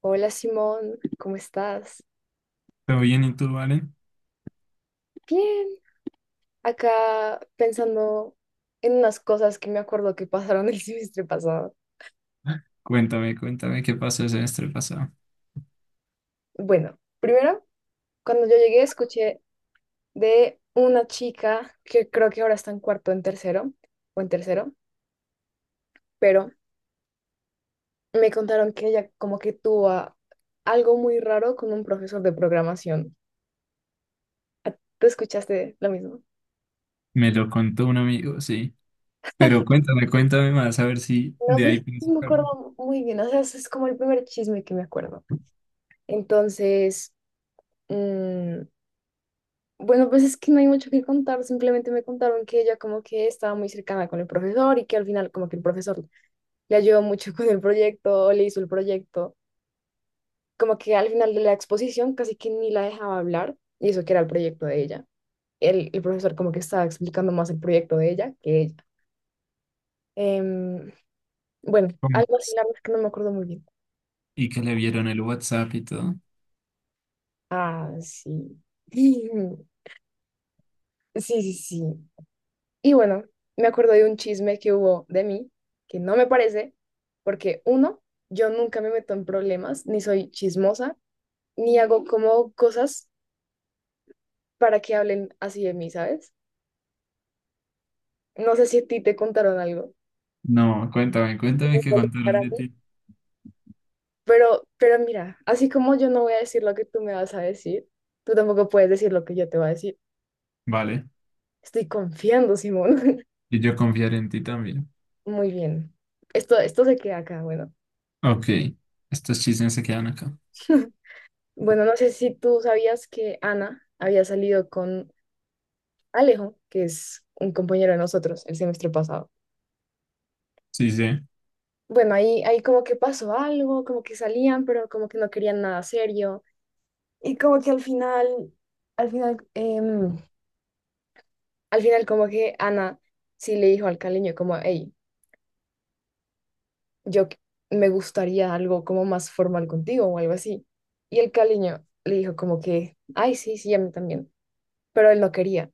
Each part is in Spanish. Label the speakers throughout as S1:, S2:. S1: Hola Simón, ¿cómo estás?
S2: ¿Todo bien y tú, vale?
S1: Bien, acá pensando en unas cosas que me acuerdo que pasaron el semestre pasado.
S2: Cuéntame, cuéntame qué pasó el semestre pasado.
S1: Bueno, primero, cuando yo llegué escuché de una chica que creo que ahora está en cuarto en tercero o en tercero, pero me contaron que ella como que tuvo algo muy raro con un profesor de programación. ¿Tú escuchaste lo mismo?
S2: Me lo contó un amigo, sí. Pero cuéntame, cuéntame más, a ver si
S1: No,
S2: de
S1: pues
S2: ahí pienso
S1: no me
S2: sacarlo.
S1: acuerdo muy bien, o sea, ese es como el primer chisme que me acuerdo. Entonces, bueno, pues es que no hay mucho que contar, simplemente me contaron que ella como que estaba muy cercana con el profesor y que al final como que el profesor le ayudó mucho con el proyecto, o le hizo el proyecto, como que al final de la exposición casi que ni la dejaba hablar y eso que era el proyecto de ella. El profesor como que estaba explicando más el proyecto de ella que ella. Em, bueno,
S2: ¿Cómo?
S1: algo así, la verdad es que no me acuerdo muy bien.
S2: Y que le vieron el WhatsApp y todo.
S1: Ah, sí. Sí, sí, sí. Y bueno, me acuerdo de un chisme que hubo de mí, que no me parece, porque uno, yo nunca me meto en problemas, ni soy chismosa, ni hago como cosas para que hablen así de mí, ¿sabes? No sé si a ti te contaron algo,
S2: No, cuéntame, cuéntame
S1: como
S2: qué
S1: por estar a
S2: contaron de
S1: mí,
S2: ti.
S1: pero mira, así como yo no voy a decir lo que tú me vas a decir, tú tampoco puedes decir lo que yo te voy a decir.
S2: Vale.
S1: Estoy confiando, Simón.
S2: Y yo confiar en ti también.
S1: Muy bien. Esto se queda acá, bueno.
S2: Ok. Estos chismes se quedan acá.
S1: Bueno, no sé si tú sabías que Ana había salido con Alejo, que es un compañero de nosotros el semestre pasado.
S2: Sí, sí.
S1: Bueno, ahí como que pasó algo, como que salían, pero como que no querían nada serio. Y como que al final, al final, em, al final como que Ana sí le dijo al caleño como, hey, yo qu- me gustaría algo como más formal contigo o algo así. Y el caleño le dijo como que, ay, sí, sí, a mí también. Pero él no quería.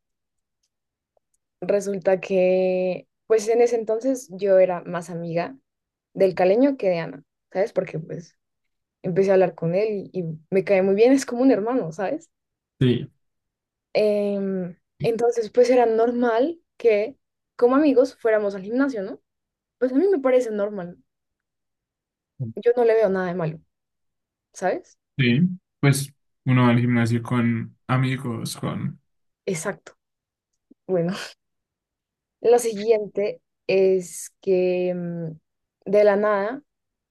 S1: Resulta que, pues en ese entonces yo era más amiga del caleño que de Ana, ¿sabes? Porque pues empecé a hablar con él y me cae muy bien, es como un hermano, ¿sabes?
S2: Sí.
S1: Em, entonces, pues era normal que como amigos fuéramos al gimnasio, ¿no? Pues a mí me parece normal, yo no le veo nada de malo, ¿sabes?
S2: Sí, pues uno va al gimnasio con amigos, con...
S1: Exacto. Bueno, lo siguiente es que de la nada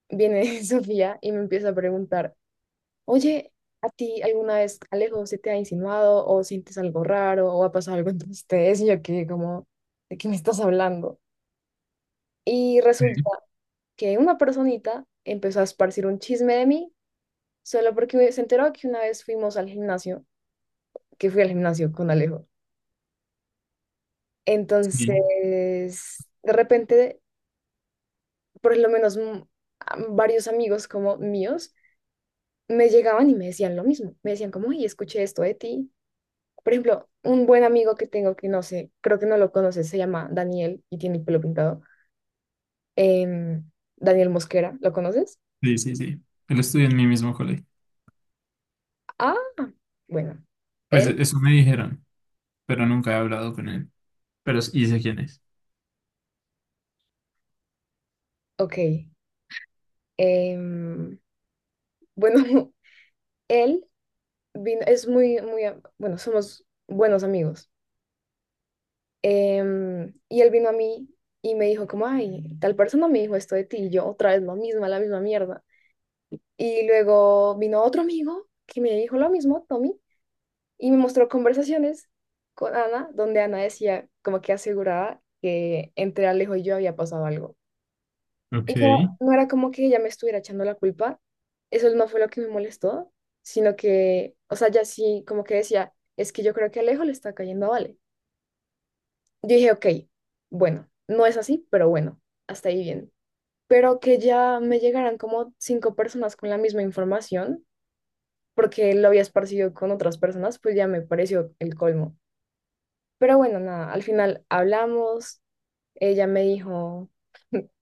S1: viene Sofía y me empieza a preguntar. Oye, ¿a ti alguna vez Alejo se te ha insinuado o sientes algo raro o ha pasado algo entre ustedes? Y yo que como, ¿de qué me estás hablando? Y
S2: Sí,
S1: resulta que una personita empezó a esparcir un chisme de mí solo porque se enteró que una vez fuimos al gimnasio, que fui al gimnasio con Alejo.
S2: sí,
S1: Entonces, de repente, por lo menos varios amigos como míos me llegaban y me decían lo mismo. Me decían como, oye, escuché esto de ti. Por ejemplo, un buen amigo que tengo que no sé, creo que no lo conoces, se llama Daniel y tiene el pelo pintado. Em, Daniel Mosquera, ¿lo conoces?
S2: sí, sí, sí. Él estudia en mi mismo colegio.
S1: Ah, bueno,
S2: Pues
S1: él,
S2: eso me dijeron, pero nunca he hablado con él. Pero y sé quién es.
S1: ok. Em, bueno, él vino, es muy, muy, bueno, somos buenos amigos. Y él vino a mí y me dijo como, ay, tal persona me dijo esto de ti y yo otra vez lo mismo, la misma mierda. Y luego vino otro amigo que me dijo lo mismo, Tommy, y me mostró conversaciones con Ana, donde Ana decía como que aseguraba que entre Alejo y yo había pasado algo. Y
S2: Ok,
S1: no era como que ella me estuviera echando la culpa, eso no fue lo que me molestó, sino que, o sea, ya sí como que decía, es que yo creo que Alejo le está cayendo a Vale. Yo dije, ok, bueno, no es así, pero bueno, hasta ahí bien. Pero que ya me llegaran como cinco personas con la misma información, porque lo había esparcido con otras personas, pues ya me pareció el colmo. Pero bueno, nada, al final hablamos, ella me dijo,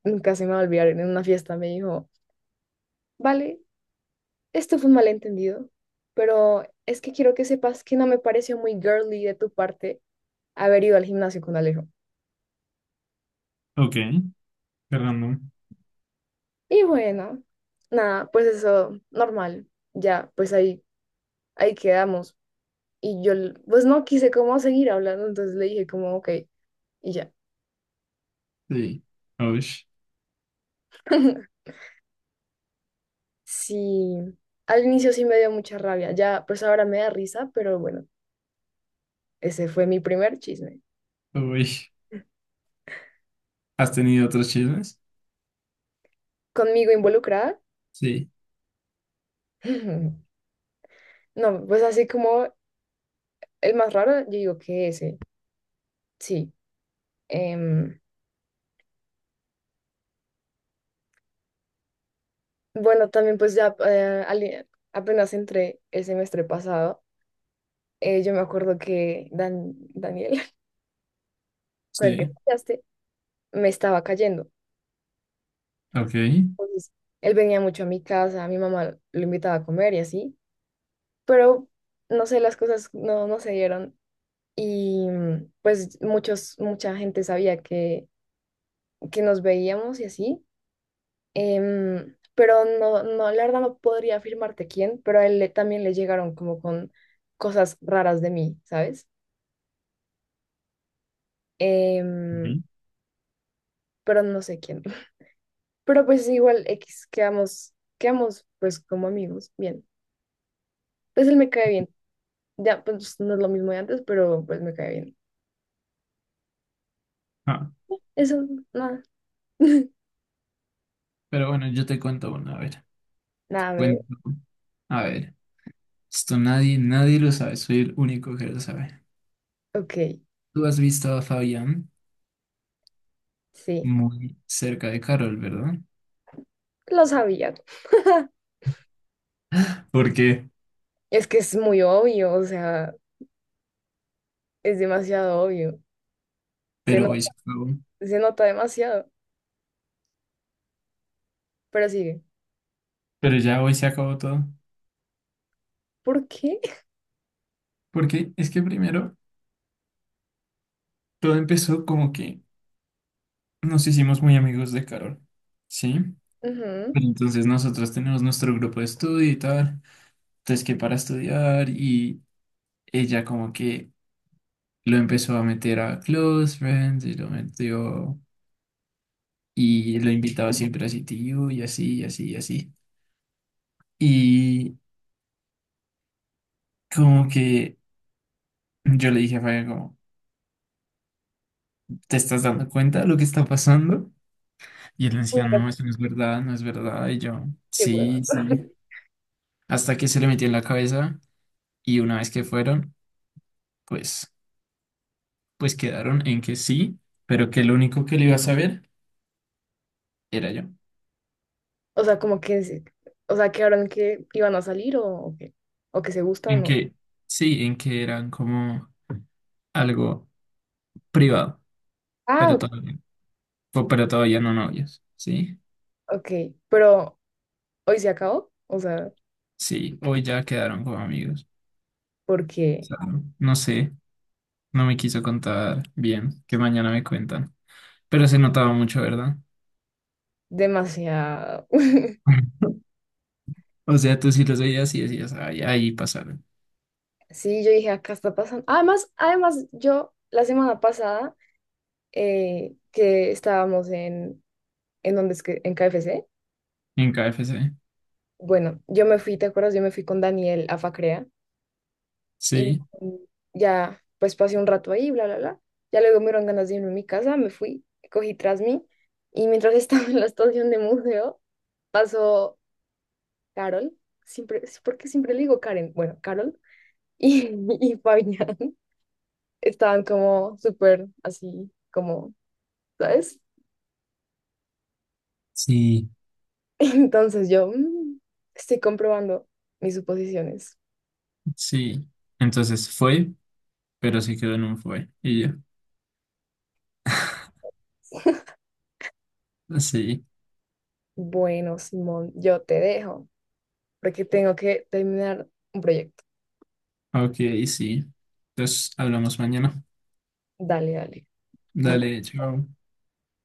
S1: nunca se me va a olvidar, en una fiesta me dijo, vale, esto fue un malentendido, pero es que quiero que sepas que no me pareció muy girly de tu parte haber ido al gimnasio con Alejo.
S2: ok. Qué random.
S1: Y bueno, nada, pues eso, normal, ya, pues ahí quedamos. Y yo, pues no quise como seguir hablando, entonces le dije como, ok, y ya.
S2: Sí. Uy,
S1: Sí, al inicio sí me dio mucha rabia, ya, pues ahora me da risa, pero bueno. Ese fue mi primer chisme.
S2: uy. ¿Has tenido otros chismes?
S1: Conmigo involucrada.
S2: Sí,
S1: No, pues así como el más raro, yo digo que ese, sí. Em, bueno, también pues ya apenas entré el semestre pasado, yo me acuerdo que Daniel, con el que
S2: sí.
S1: estudiaste, me estaba cayendo.
S2: Ok.
S1: Entonces, él venía mucho a mi casa, mi mamá lo invitaba a comer y así, pero no sé, las cosas no se dieron y pues mucha gente sabía que nos veíamos y así, pero no, no, la verdad no podría afirmarte quién, pero a también le llegaron como con cosas raras de mí, ¿sabes? Em,
S2: Sí.
S1: pero no sé quién. Pero pues igual X, quedamos pues como amigos, bien. Pues él me cae bien. Ya, pues no es lo mismo de antes, pero pues me cae bien.
S2: Ah,
S1: Eso, nada,
S2: pero bueno, yo te cuento una, a ver.
S1: nada, me...
S2: Cuento. A ver. Esto nadie, nadie lo sabe. Soy el único que lo sabe.
S1: Ok,
S2: ¿Tú has visto a Fabián
S1: sí,
S2: muy cerca de Carol, verdad?
S1: lo sabía.
S2: Porque
S1: Es que es muy obvio, o sea, es demasiado obvio. Se, no-
S2: pero hoy se acabó.
S1: Se nota demasiado. Pero sigue.
S2: Pero ya hoy se acabó todo.
S1: ¿Por qué?
S2: Porque es que primero todo empezó como que nos hicimos muy amigos de Carol, ¿sí?
S1: Ujú.
S2: Pero entonces nosotros tenemos nuestro grupo de estudio y tal. Entonces que para estudiar y ella como que lo empezó a meter a Close Friends y lo metió y lo invitaba siempre a CTU y así y así y así. Y como que yo le dije a Fabián como... ¿Te estás dando cuenta de lo que está pasando? Y él me decía,
S1: Bueno,
S2: no, eso no es verdad, no es verdad. Y yo,
S1: qué hueva.
S2: sí, sí. Hasta que se le metió en la cabeza y una vez que fueron, pues, pues quedaron en que sí, pero que lo único que le iba a saber era yo.
S1: O sea, o sea, que ahora que iban a salir o qué, o que se
S2: En
S1: gustan o...
S2: que, sí, en que eran como algo privado,
S1: Ah,
S2: pero todavía, pero todavía no novios, ¿sí?
S1: ok, pero hoy se acabó, o sea,
S2: Sí, hoy ya quedaron como amigos. O
S1: porque
S2: sea, no sé, no me quiso contar bien, que mañana me cuentan. Pero se notaba mucho, ¿verdad?
S1: demasiado.
S2: O sea, tú sí los veías y decías, ay, ahí pasaron,
S1: Sí, yo dije, acá está pasando. Además, además, yo la semana pasada que estábamos en donde es que, en KFC,
S2: en KFC.
S1: bueno, yo me fui, ¿te acuerdas? Yo me fui con Daniel a Facrea. Y
S2: Sí,
S1: mm, ya, pues pasé un rato ahí, bla, bla, bla. Ya luego me dieron ganas de irme a mi casa, me fui, cogí tras mí. Y mientras estaba en la estación de museo, pasó Carol. Siempre, ¿por qué siempre le digo Karen? Bueno, Carol y, y Fabián estaban como súper así, como, ¿sabes?
S2: sí,
S1: Entonces yo estoy comprobando mis suposiciones.
S2: sí. Entonces fue, pero sí quedó en un fue. Y yo, sí,
S1: Bueno, Simón, yo te dejo porque tengo que terminar un proyecto.
S2: ok, sí. Entonces hablamos mañana.
S1: Dale, dale.
S2: Dale, chao.